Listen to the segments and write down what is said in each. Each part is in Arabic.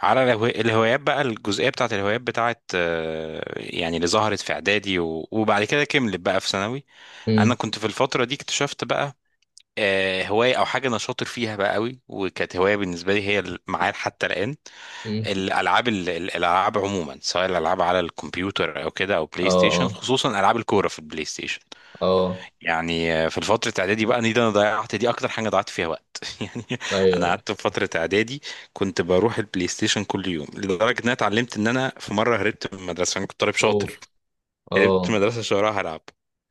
على الهوايات بقى، الجزئية بتاعت الهوايات بتاعت، يعني اللي ظهرت في إعدادي و- وبعد كده كملت بقى في ثانوي. امم. أنا كنت في الفترة دي اكتشفت بقى هواية أو حاجة أنا شاطر فيها بقى قوي، وكانت هواية بالنسبة لي هي معايا حتى الآن. امم. الألعاب، الألعاب عموما، سواء الألعاب على الكمبيوتر أو كده أو اه. بلاي ستيشن، اه. خصوصا ألعاب الكورة في البلاي ستيشن. اه. يعني في فترة إعدادي بقى دي، أنا ضيعت، دي أكتر حاجة ضيعت فيها وقت يعني. ايوه، أنا أيوة. قعدت في فترة إعدادي كنت بروح البلاي ستيشن كل يوم، لدرجة إن أنا اتعلمت، إن أنا في مرة هربت من المدرسة. أنا كنت طالب شاطر، اوف. هربت من اه. المدرسة شهرها هلعب.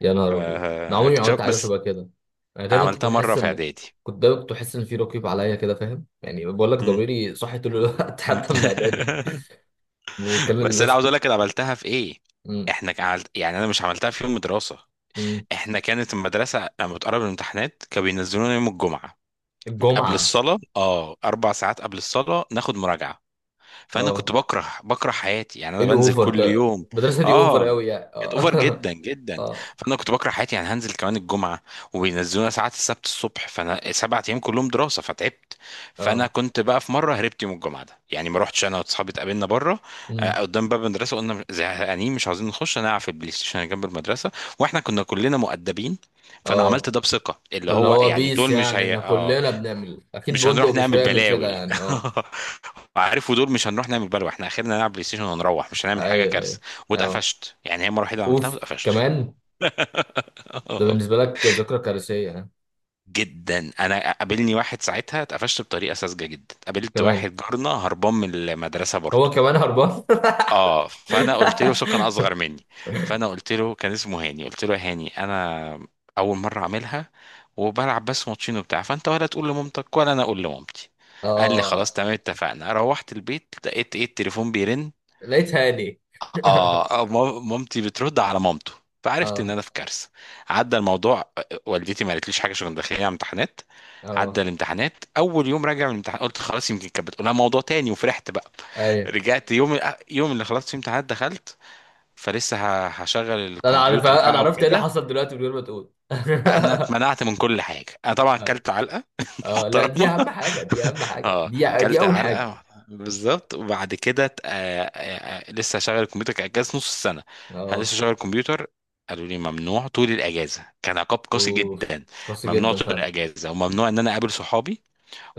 يا نهار ابيض، انا عمري ما عملت فاكتشفت حاجه بس، شبه كده. انا دايما كنت عملتها مرة بحس في ان إعدادي. كنت دايما بحس ان في رقيب عليا كده، فاهم؟ يعني بقول لك مم. ضميري صاحي طول الوقت مم. حتى من اعدادي. وكلم بس أنا الناس. عاوز أقول لك، أنا عملتها في إيه. امم. إحنا كان عملت يعني، أنا مش عملتها في يوم دراسة. امم. إحنا كانت المدرسة لما بتقرب الامتحانات كانوا بينزلونا يوم الجمعة قبل الجمعه. الصلاة، 4 ساعات قبل الصلاة ناخد مراجعة. فأنا كنت اه. بكره بكره حياتي يعني، أنا ايه بنزل الاوفر كل ده؟ يوم. المدرسه دي اوفر اه، قوي يعني، كانت اه اوفر جدا جدا. اه. فانا كنت بكره حياتي، يعني هنزل كمان الجمعه، وبينزلونا ساعات السبت الصبح. فانا 7 ايام كلهم دراسه، فتعبت. فانا اه. كنت بقى في مره هربت يوم الجمعه ده، يعني ما رحتش، انا واصحابي اتقابلنا بره، امم. قدام باب المدرسه. قلنا زهقانين، مش عاوزين نخش، نلعب في البلاي ستيشن اللي جنب المدرسه. واحنا كنا كلنا مؤدبين، فانا عملت اه. ده بثقه، اللي فاللي هو هو يعني بيس، دول مش يعني هي، احنا اه، كلنا بنعمل اكيد مش بندق، هنروح مش نعمل هيعمل كده بلاوي. يعني، اه. عارف، ودول مش هنروح نعمل بلاوي، احنا اخرنا نلعب بلاي ستيشن ونروح، مش هنعمل حاجه ايوه، كارثه. ايوه. اه. واتقفشت، يعني هي المره الوحيده اللي عملتها اوف واتقفشت. كمان. ده بالنسبه لك ذكرى كارثيه، ها؟ جدا. انا قابلني واحد ساعتها، اتقفشت بطريقه ساذجه جدا. قابلت كمان؟ واحد جارنا هربان من المدرسه هو برضه، كمان هربان؟ اه. فانا قلت له، سو كان اصغر مني، فانا قلت له، كان اسمه هاني، قلت له يا هاني انا اول مره اعملها، وبلعب بس ماتشين وبتاع، فانت ولا تقول لمامتك ولا انا اقول لمامتي. قال لي اه. خلاص تمام، اتفقنا. روحت البيت، لقيت ايه، التليفون بيرن. لقيت هاني. اه، مامتي بترد على مامته، فعرفت ان اه. انا في كارثه. عدى الموضوع، والدتي ما قالتليش حاجه، عشان كنت داخلين على امتحانات. عدى اه. الامتحانات، اول يوم راجع من الامتحان قلت خلاص يمكن كانت بتقولها موضوع تاني، وفرحت بقى. ايوه. رجعت يوم اللي خلصت فيه امتحانات دخلت فلسه، هشغل الكمبيوتر انا بقى عرفت ايه اللي وكده. حصل دلوقتي من غير ما تقول انا اتمنعت من كل حاجه، انا طبعا اه. كلت علقه اه. لا، دي محترمه. اهم حاجه، دي اهم حاجه، اه، دي كلت اول حاجه. علقه بالظبط. وبعد كده لسه شغل الكمبيوتر؟ كان اجازه نص السنه، هل اه. لسه شغل الكمبيوتر؟ قالوا لي ممنوع طول الاجازه. كان عقاب قاسي اوف. جدا، قاسي ممنوع جدا طول فعلا. الاجازه، وممنوع ان انا اقابل صحابي،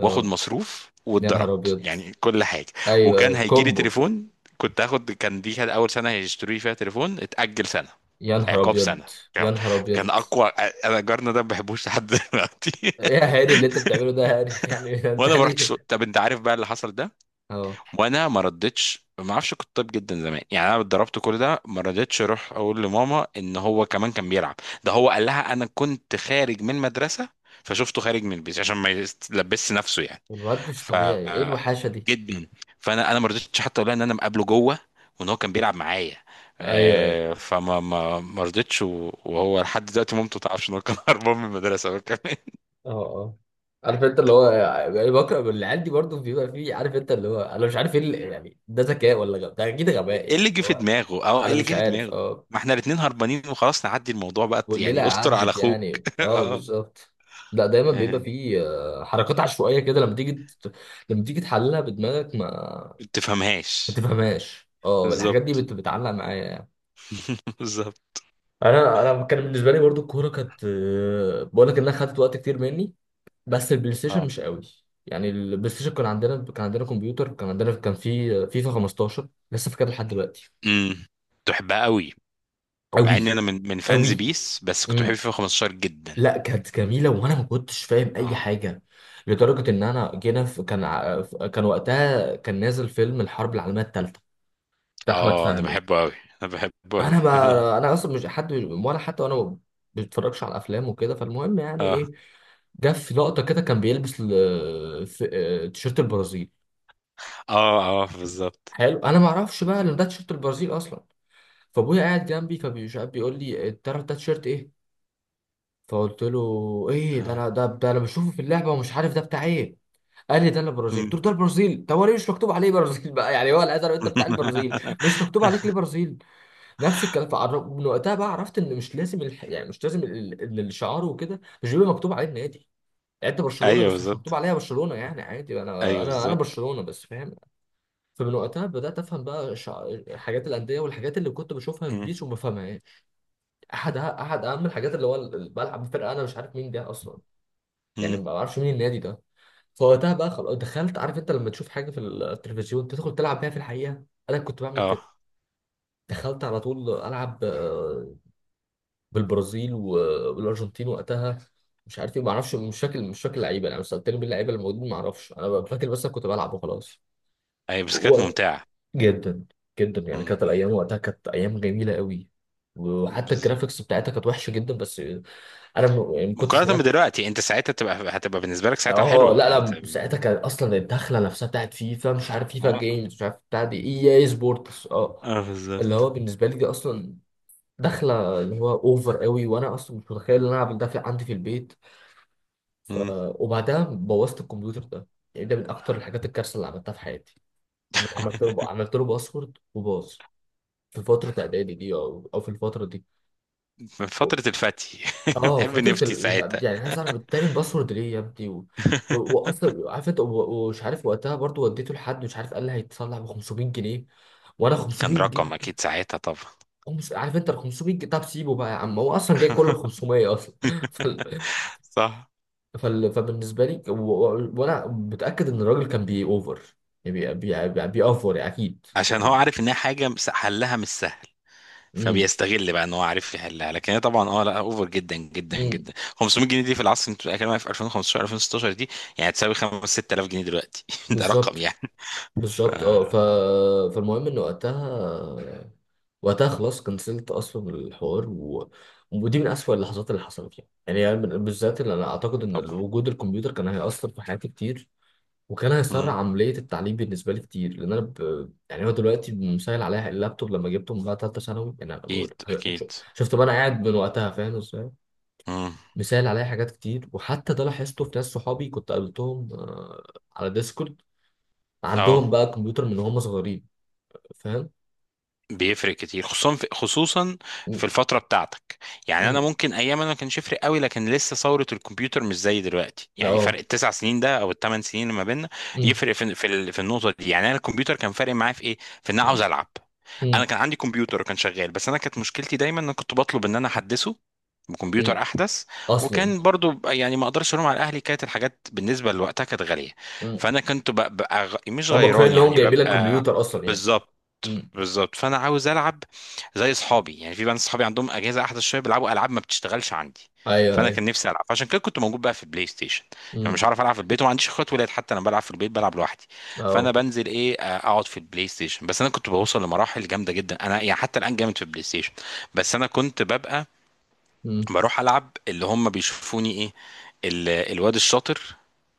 واخد مصروف، يا نهار واتضربت، ابيض. يعني كل حاجه. ايوه، وكان ايوه، هيجي لي كومبو. تليفون، كنت هاخد، كان دي كانت اول سنه هيشتروا لي فيها تليفون، اتاجل سنه. يا نهار عقاب سنه ابيض. يا كامل، نهار كان ابيض. اقوى. انا جارنا ده ما بحبوش لحد دلوقتي ايه يا هاني اللي انت بتعمله ده يا هاني؟ يعني انت وانا ما رحتش، هاني؟ طب انت عارف بقى اللي حصل ده، اه. وانا ما ردتش، ما اعرفش، كنت طيب جدا زمان يعني. انا اتضربت كل ده، ما رضيتش اروح اقول لماما ان هو كمان كان بيلعب. ده هو قال لها انا كنت خارج من المدرسه، فشفته خارج من البيت عشان ما يلبسش نفسه يعني. الواد مش ف طبيعي، ايه الوحاشه دي؟ جدا. فانا ما رضيتش حتى اقول لها ان انا مقابله جوه، وان هو كان بيلعب معايا. ايوه، ايوه. فما ما ما رضيتش، و- وهو لحد دلوقتي مامته ما تعرفش ان هو كان هربان من المدرسه هو كمان. اه. اه. عارف انت اللي هو، يعني بكره العيال دي برضه بيبقى فيه، عارف انت اللي هو، انا مش عارف ايه يعني ده ذكاء ولا غباء؟ ده اكيد غباء، يعني اللي هو ايه انا اللي مش جه في عارف. دماغه، اه. ما احنا الاتنين هربانين، وخلاص نعدي الموضوع بقى، والليله يعني استر على عدت اخوك. يعني، اه، اه، بالظبط. لا، دايما بيبقى آه، فيه حركات عشوائيه كده، لما تيجي لما تيجي تحللها بدماغك ما ما ما تفهمهاش. تفهمهاش. اه، الحاجات دي بالظبط بتعلق معايا يعني. بالظبط. انا كان بالنسبه لي برضو الكوره كانت، بقول لك انها خدت وقت كتير مني. بس البلاي ستيشن اه، مش قوي يعني. البلاي ستيشن كان عندنا كمبيوتر، كان في فيفا 15 لسه فاكرها لحد دلوقتي. امم تحبها قوي، مع ان قوي. انا من فانز قوي. بيس، بس كنت بحب امم. فيفا 15 جدا. لا، كانت جميله وانا ما كنتش فاهم اي اه حاجه. لدرجه ان انا جينا في، كان وقتها نازل فيلم الحرب العالميه الثالثه بتاع احمد اه، انا فهمي. بحبه قوي، انا بحبه قوي انا اصلا مش حد، ولا حتى انا ما بتفرجش على افلام وكده. فالمهم يعني اه ايه، جه في لقطه كده كان بيلبس تيشيرت البرازيل. اه اه، بالظبط. حلو. انا ما اعرفش بقى ان ده تيشيرت البرازيل اصلا. فابويا قاعد جنبي فبيشاب بيقول لي: تعرف ده تيشيرت ايه؟ فقلت له: ايه ده؟ اه، انا ده، انا بشوفه في اللعبه ومش عارف ده بتاع ايه. قال لي: ده البرازيل. قلت له: مم. ده البرازيل، طب هو ليه مش مكتوب عليه برازيل بقى يعني؟ هو الازرق انت بتاع البرازيل مش مكتوب عليك ليه برازيل؟ نفس الكلام. من وقتها بقى عرفت ان مش لازم يعني مش لازم الشعار وكده مش بيبقى مكتوب عليه النادي. يعني انت برشلونه ايوه بس مش مكتوب بالظبط. عليها برشلونه يعني، عادي. انا ايوه انا انا بالظبط. برشلونه بس، فاهم. فمن وقتها بدأت أفهم بقى حاجات الأندية والحاجات اللي كنت بشوفها في مم. بيس وما فاهمهاش. أحد أهم الحاجات اللي هو بلعب في فرقة أنا مش عارف مين ده أصلا، يعني مم. ما بعرفش مين النادي ده. فوقتها بقى خلاص دخلت. عارف أنت لما تشوف حاجة في التلفزيون تدخل تلعب بيها في الحقيقة؟ أنا كنت بعمل كده. اه، دخلت على طول ألعب بالبرازيل والأرجنتين وقتها. مش عارف إيه، ما أعرفش. مش فاكر، مش فاكر اللعيبة يعني. لو سألتني مين اللعيبة الموجودين ما أعرفش، أنا فاكر بس أنا كنت بلعب وخلاص. ايوه، بس كانت ممتعه. جدا. جدا يعني. مم. كانت الايام وقتها كانت ايام جميله قوي. وحتى بالظبط. الجرافيكس بتاعتها كانت وحشه جدا بس يعني ما كنتش مقارنه هناك. بدلوقتي، انت ساعتها هتبقى بالنسبه لك ساعتها اه. حلوه لا، انت. لا، ساعتها كان اصلا الدخله نفسها بتاعت فيفا، مش عارف فيفا اه جيمز مش عارف بتاع دي اي اي سبورتس، اه. اه اللي هو بالظبط. بالنسبه لي دي اصلا دخله اللي هو اوفر قوي، وانا اصلا مش متخيل ان انا اعمل ده في عندي في البيت. ف... مم. وبعدها بوظت الكمبيوتر ده. يعني ده من اكتر الحاجات الكارثه اللي عملتها في حياتي. عملت له باسورد وباظ، في فترة إعدادي دي أو في الفترة دي. من فتره الفتي اه، بحب فترة نفتي لا، ساعتها يعني عايز أعرف بتعمل باسورد ليه يا ابني؟ و... و... وأصلا عارف أنت، و- ومش عارف وقتها برضو وديته لحد مش عارف قال لي هيتصلح ب 500 جنيه. وأنا 500 كان جنيه رقم اكيد ساعتها طبعا عارف أنت ال 500 جنيه؟ طب سيبه بقى يا عم، هو أصلا جاي كله ب 500 أصلا فال... صح. فبالنسبة لي و... و... وأنا متأكد إن الراجل كان بي أوفر، يعني بيأفور يعني، أكيد عشان هو يعني. عارف ان هي حاجه حلها مش سهل، امم. فبيستغل بقى ان هو عارف يحلها. لكن هي طبعا، اه، لا، اوفر جدا جدا امم. جدا. 500 جنيه دي في العصر اللي انت بتتكلم في 2015 2016 دي، يعني تساوي 5 6000 جنيه دلوقتي ده رقم بالظبط. يعني ف بالظبط. اه، ف... فالمهم ان وقتها خلاص كنسلت اصلا الحوار، و... ودي من اسوأ اللحظات اللي حصلت يعني أنا بالذات اللي انا اعتقد ان طبعا. وجود الكمبيوتر كان هيأثر في حياتي كتير. وكان هيسرع مم. عملية التعليم بالنسبة لي كتير، لان انا ب... يعني هو دلوقتي مسهل عليا اللابتوب لما جبته من بعد ثالثة ثانوي. يعني انا اكيد بقول، اكيد. شفت بقى انا قاعد من وقتها فاهم ازاي مم. مسهل عليا حاجات كتير. وحتى ده لاحظته في ناس صحابي كنت قابلتهم على ديسكورد، عندهم اه، بقى كمبيوتر من هم صغيرين، فاهم. بيفرق كتير خصوصا، في مم. الفتره بتاعتك. يعني انا مم. ممكن ايام انا ما كانش يفرق قوي، لكن لسه ثوره الكمبيوتر مش زي دلوقتي، يعني فرق اه. التسع سنين ده او الثمان سنين اللي ما بيننا، مم. يفرق في النقطه دي. يعني انا الكمبيوتر كان فارق معايا في ايه، في ان انا مم. عاوز العب. مم. انا كان عندي كمبيوتر، وكان شغال، بس انا كانت مشكلتي دايما ان أنا كنت بطلب ان انا احدثه بكمبيوتر مم. احدث. اصلا. وكان برضو، يعني ما اقدرش الوم على اهلي، كانت الحاجات بالنسبه لوقتها كانت غاليه. مم. فانا كنت ببقى مش هم كفايه غيران، ان هم يعني جايبين لك ببقى. كمبيوتر اصلا يعني. بالظبط مم. بالظبط. فانا عاوز العب زي اصحابي. يعني في بنات اصحابي عندهم اجهزه احدث شويه، بيلعبوا العاب ما بتشتغلش عندي، ايوه، فانا ايوه. كان نفسي العب، عشان كده كنت موجود بقى في البلاي ستيشن. يعني مش مم. عارف العب في البيت، وما عنديش اخوات ولاد، حتى انا بلعب في البيت بلعب لوحدي. فانا اه. بنزل ايه، اقعد في البلاي ستيشن. بس انا كنت بوصل لمراحل جامده جدا، انا يعني حتى الان جامد في البلاي ستيشن. بس انا كنت ببقى مم. بروح العب، اللي هم بيشوفوني ايه، الواد الشاطر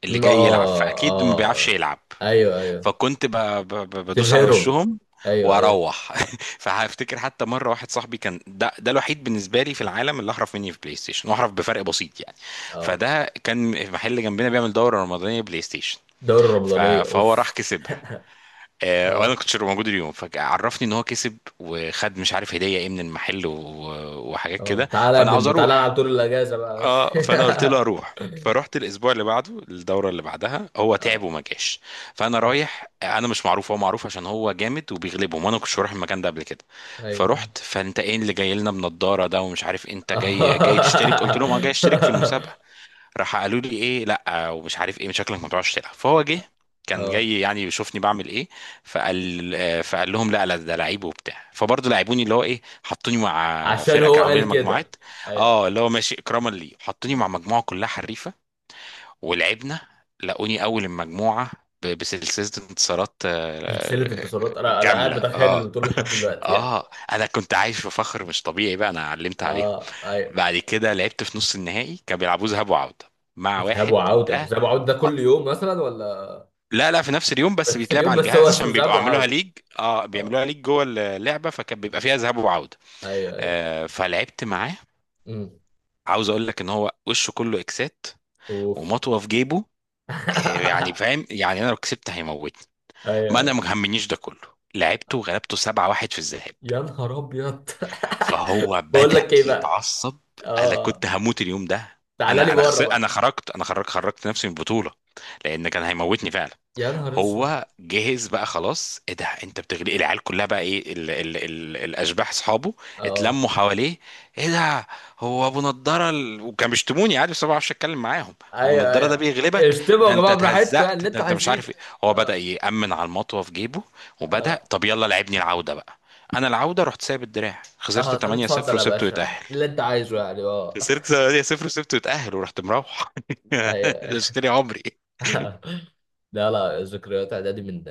اللي مم. جاي يلعب، اه. فاكيد ما بيعرفش اه. يلعب. ايوه، ايوه. فكنت بدوس على تبهرهم. وشهم ايوه، ايوه. واروح فهفتكر حتى مره واحد صاحبي، كان ده الوحيد بالنسبه لي في العالم اللي احرف مني في بلاي ستيشن، واحرف بفرق بسيط يعني. اه. فده كان محل جنبنا بيعمل دوره رمضانيه بلاي ستيشن، دوري ف... رمضانيه، اوف. فهو راح كسبها، وانا اه. كنتش موجود اليوم. فعرفني ان هو كسب، وخد مش عارف هديه ايه من المحل وحاجات اه. كده. تعالى يا فانا عاوز ابني، تعالى اروح. العب طول الاجازه بقى يا اه، فانا قلت له باشا. اروح، فروحت الاسبوع اللي بعده. الدوره اللي بعدها هو تعب اه. وما جاش. فانا اه. رايح، انا مش معروف، هو معروف عشان هو جامد وبيغلبهم، وانا ما كنتش هروح المكان ده قبل كده. ايوه. فرحت، فانت ايه اللي جاي لنا بنضاره ده ومش عارف إيه، انت جاي تشترك؟ قلت اه. لهم اه، جاي اشترك في المسابقه. راح قالوا لي ايه، لا ومش عارف ايه، من شكلك ما بتعرفش تلعب. فهو جه، كان آه. جاي يعني يشوفني بعمل ايه. فقال لهم لا لا، ده لعيب وبتاع. فبرضه لعبوني، اللي هو ايه، حطوني مع عشان فرقه، هو كانوا عاملين قال كده. مجموعات، ايوه. اه، اللي هو ماشي اكراما لي، حطوني مع مجموعه كلها حريفه. ولعبنا، لقوني اول المجموعه بسلسله انتصارات، سلسلة انتصارات. انا كامله، قاعد بتخيل اه البطولة لحد دلوقتي يعني. اه. انا كنت عايش في فخر مش طبيعي بقى، انا علمت عليهم. اه. ايوه. بعد كده لعبت في نص النهائي، كانوا بيلعبوه ذهاب وعودة، مع ذهاب واحد وعودة؟ ده. ذهاب وعودة ده كل آه، يوم مثلا ولا؟ لا لا، في نفس اليوم، بس بس بيتلعب اليوم على بس هو الجهاز اسمه عشان ذهاب بيبقوا عاملوها وعودة. ليج. اه، اه. بيعملوها ليج جوه اللعبة، فكان بيبقى فيها ذهاب وعودة. ايوه، ايوه. فلعبت معاه. امم. عاوز اقول لك ان هو وشه كله اكسات، اوف. ومطوه في جيبه، يعني فاهم يعني انا لو كسبت هيموتني. ايوه، ما انا ايوه. ما همنيش ده كله، لعبته وغلبته 7-1 في الذهاب، يا نهار ابيض. فهو بقول بدأ لك ايه بقى. يتعصب. اه. انا آه. كنت هموت اليوم ده. تعالى لي بره انا بقى. خرجت انا خرجت خرجت نفسي من البطوله، لان كان هيموتني فعلا. يا نهار اسود. هو جهز بقى خلاص، ايه ده، انت بتغلي العيال كلها بقى. ايه ال ال ال الاشباح اصحابه اه. اتلموا حواليه، ايه ده، هو ابو نضاره وكان بيشتموني عادي، بس أنا ما بعرفش اتكلم معاهم. هو ابو ايوه، نضاره ده ايوه. بيغلبك، اشتموا يا ده انت جماعة براحتكم يعني، اتهزقت، اللي ده انتوا انت مش عايزينه. عارف ايه. هو بدأ اه. يأمن على المطوه في جيبه، وبدأ اه. طب يلا لعبني العوده بقى. انا العوده رحت سايب الدراع، خسرت اه. طب 8-0 اتفضل يا وسبته باشا يتأهل. اللي انت عايزه يعني، اه. خسرت 8-0 وسبته يتأهل، ورحت مروح ايوه. اشتري عمري. لا، لا، ذكريات اعدادي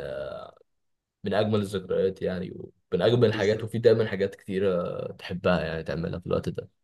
من اجمل الذكريات يعني، ومن اجمل الحاجات. وفي دايما حاجات كتيره تحبها يعني تعملها في الوقت ده.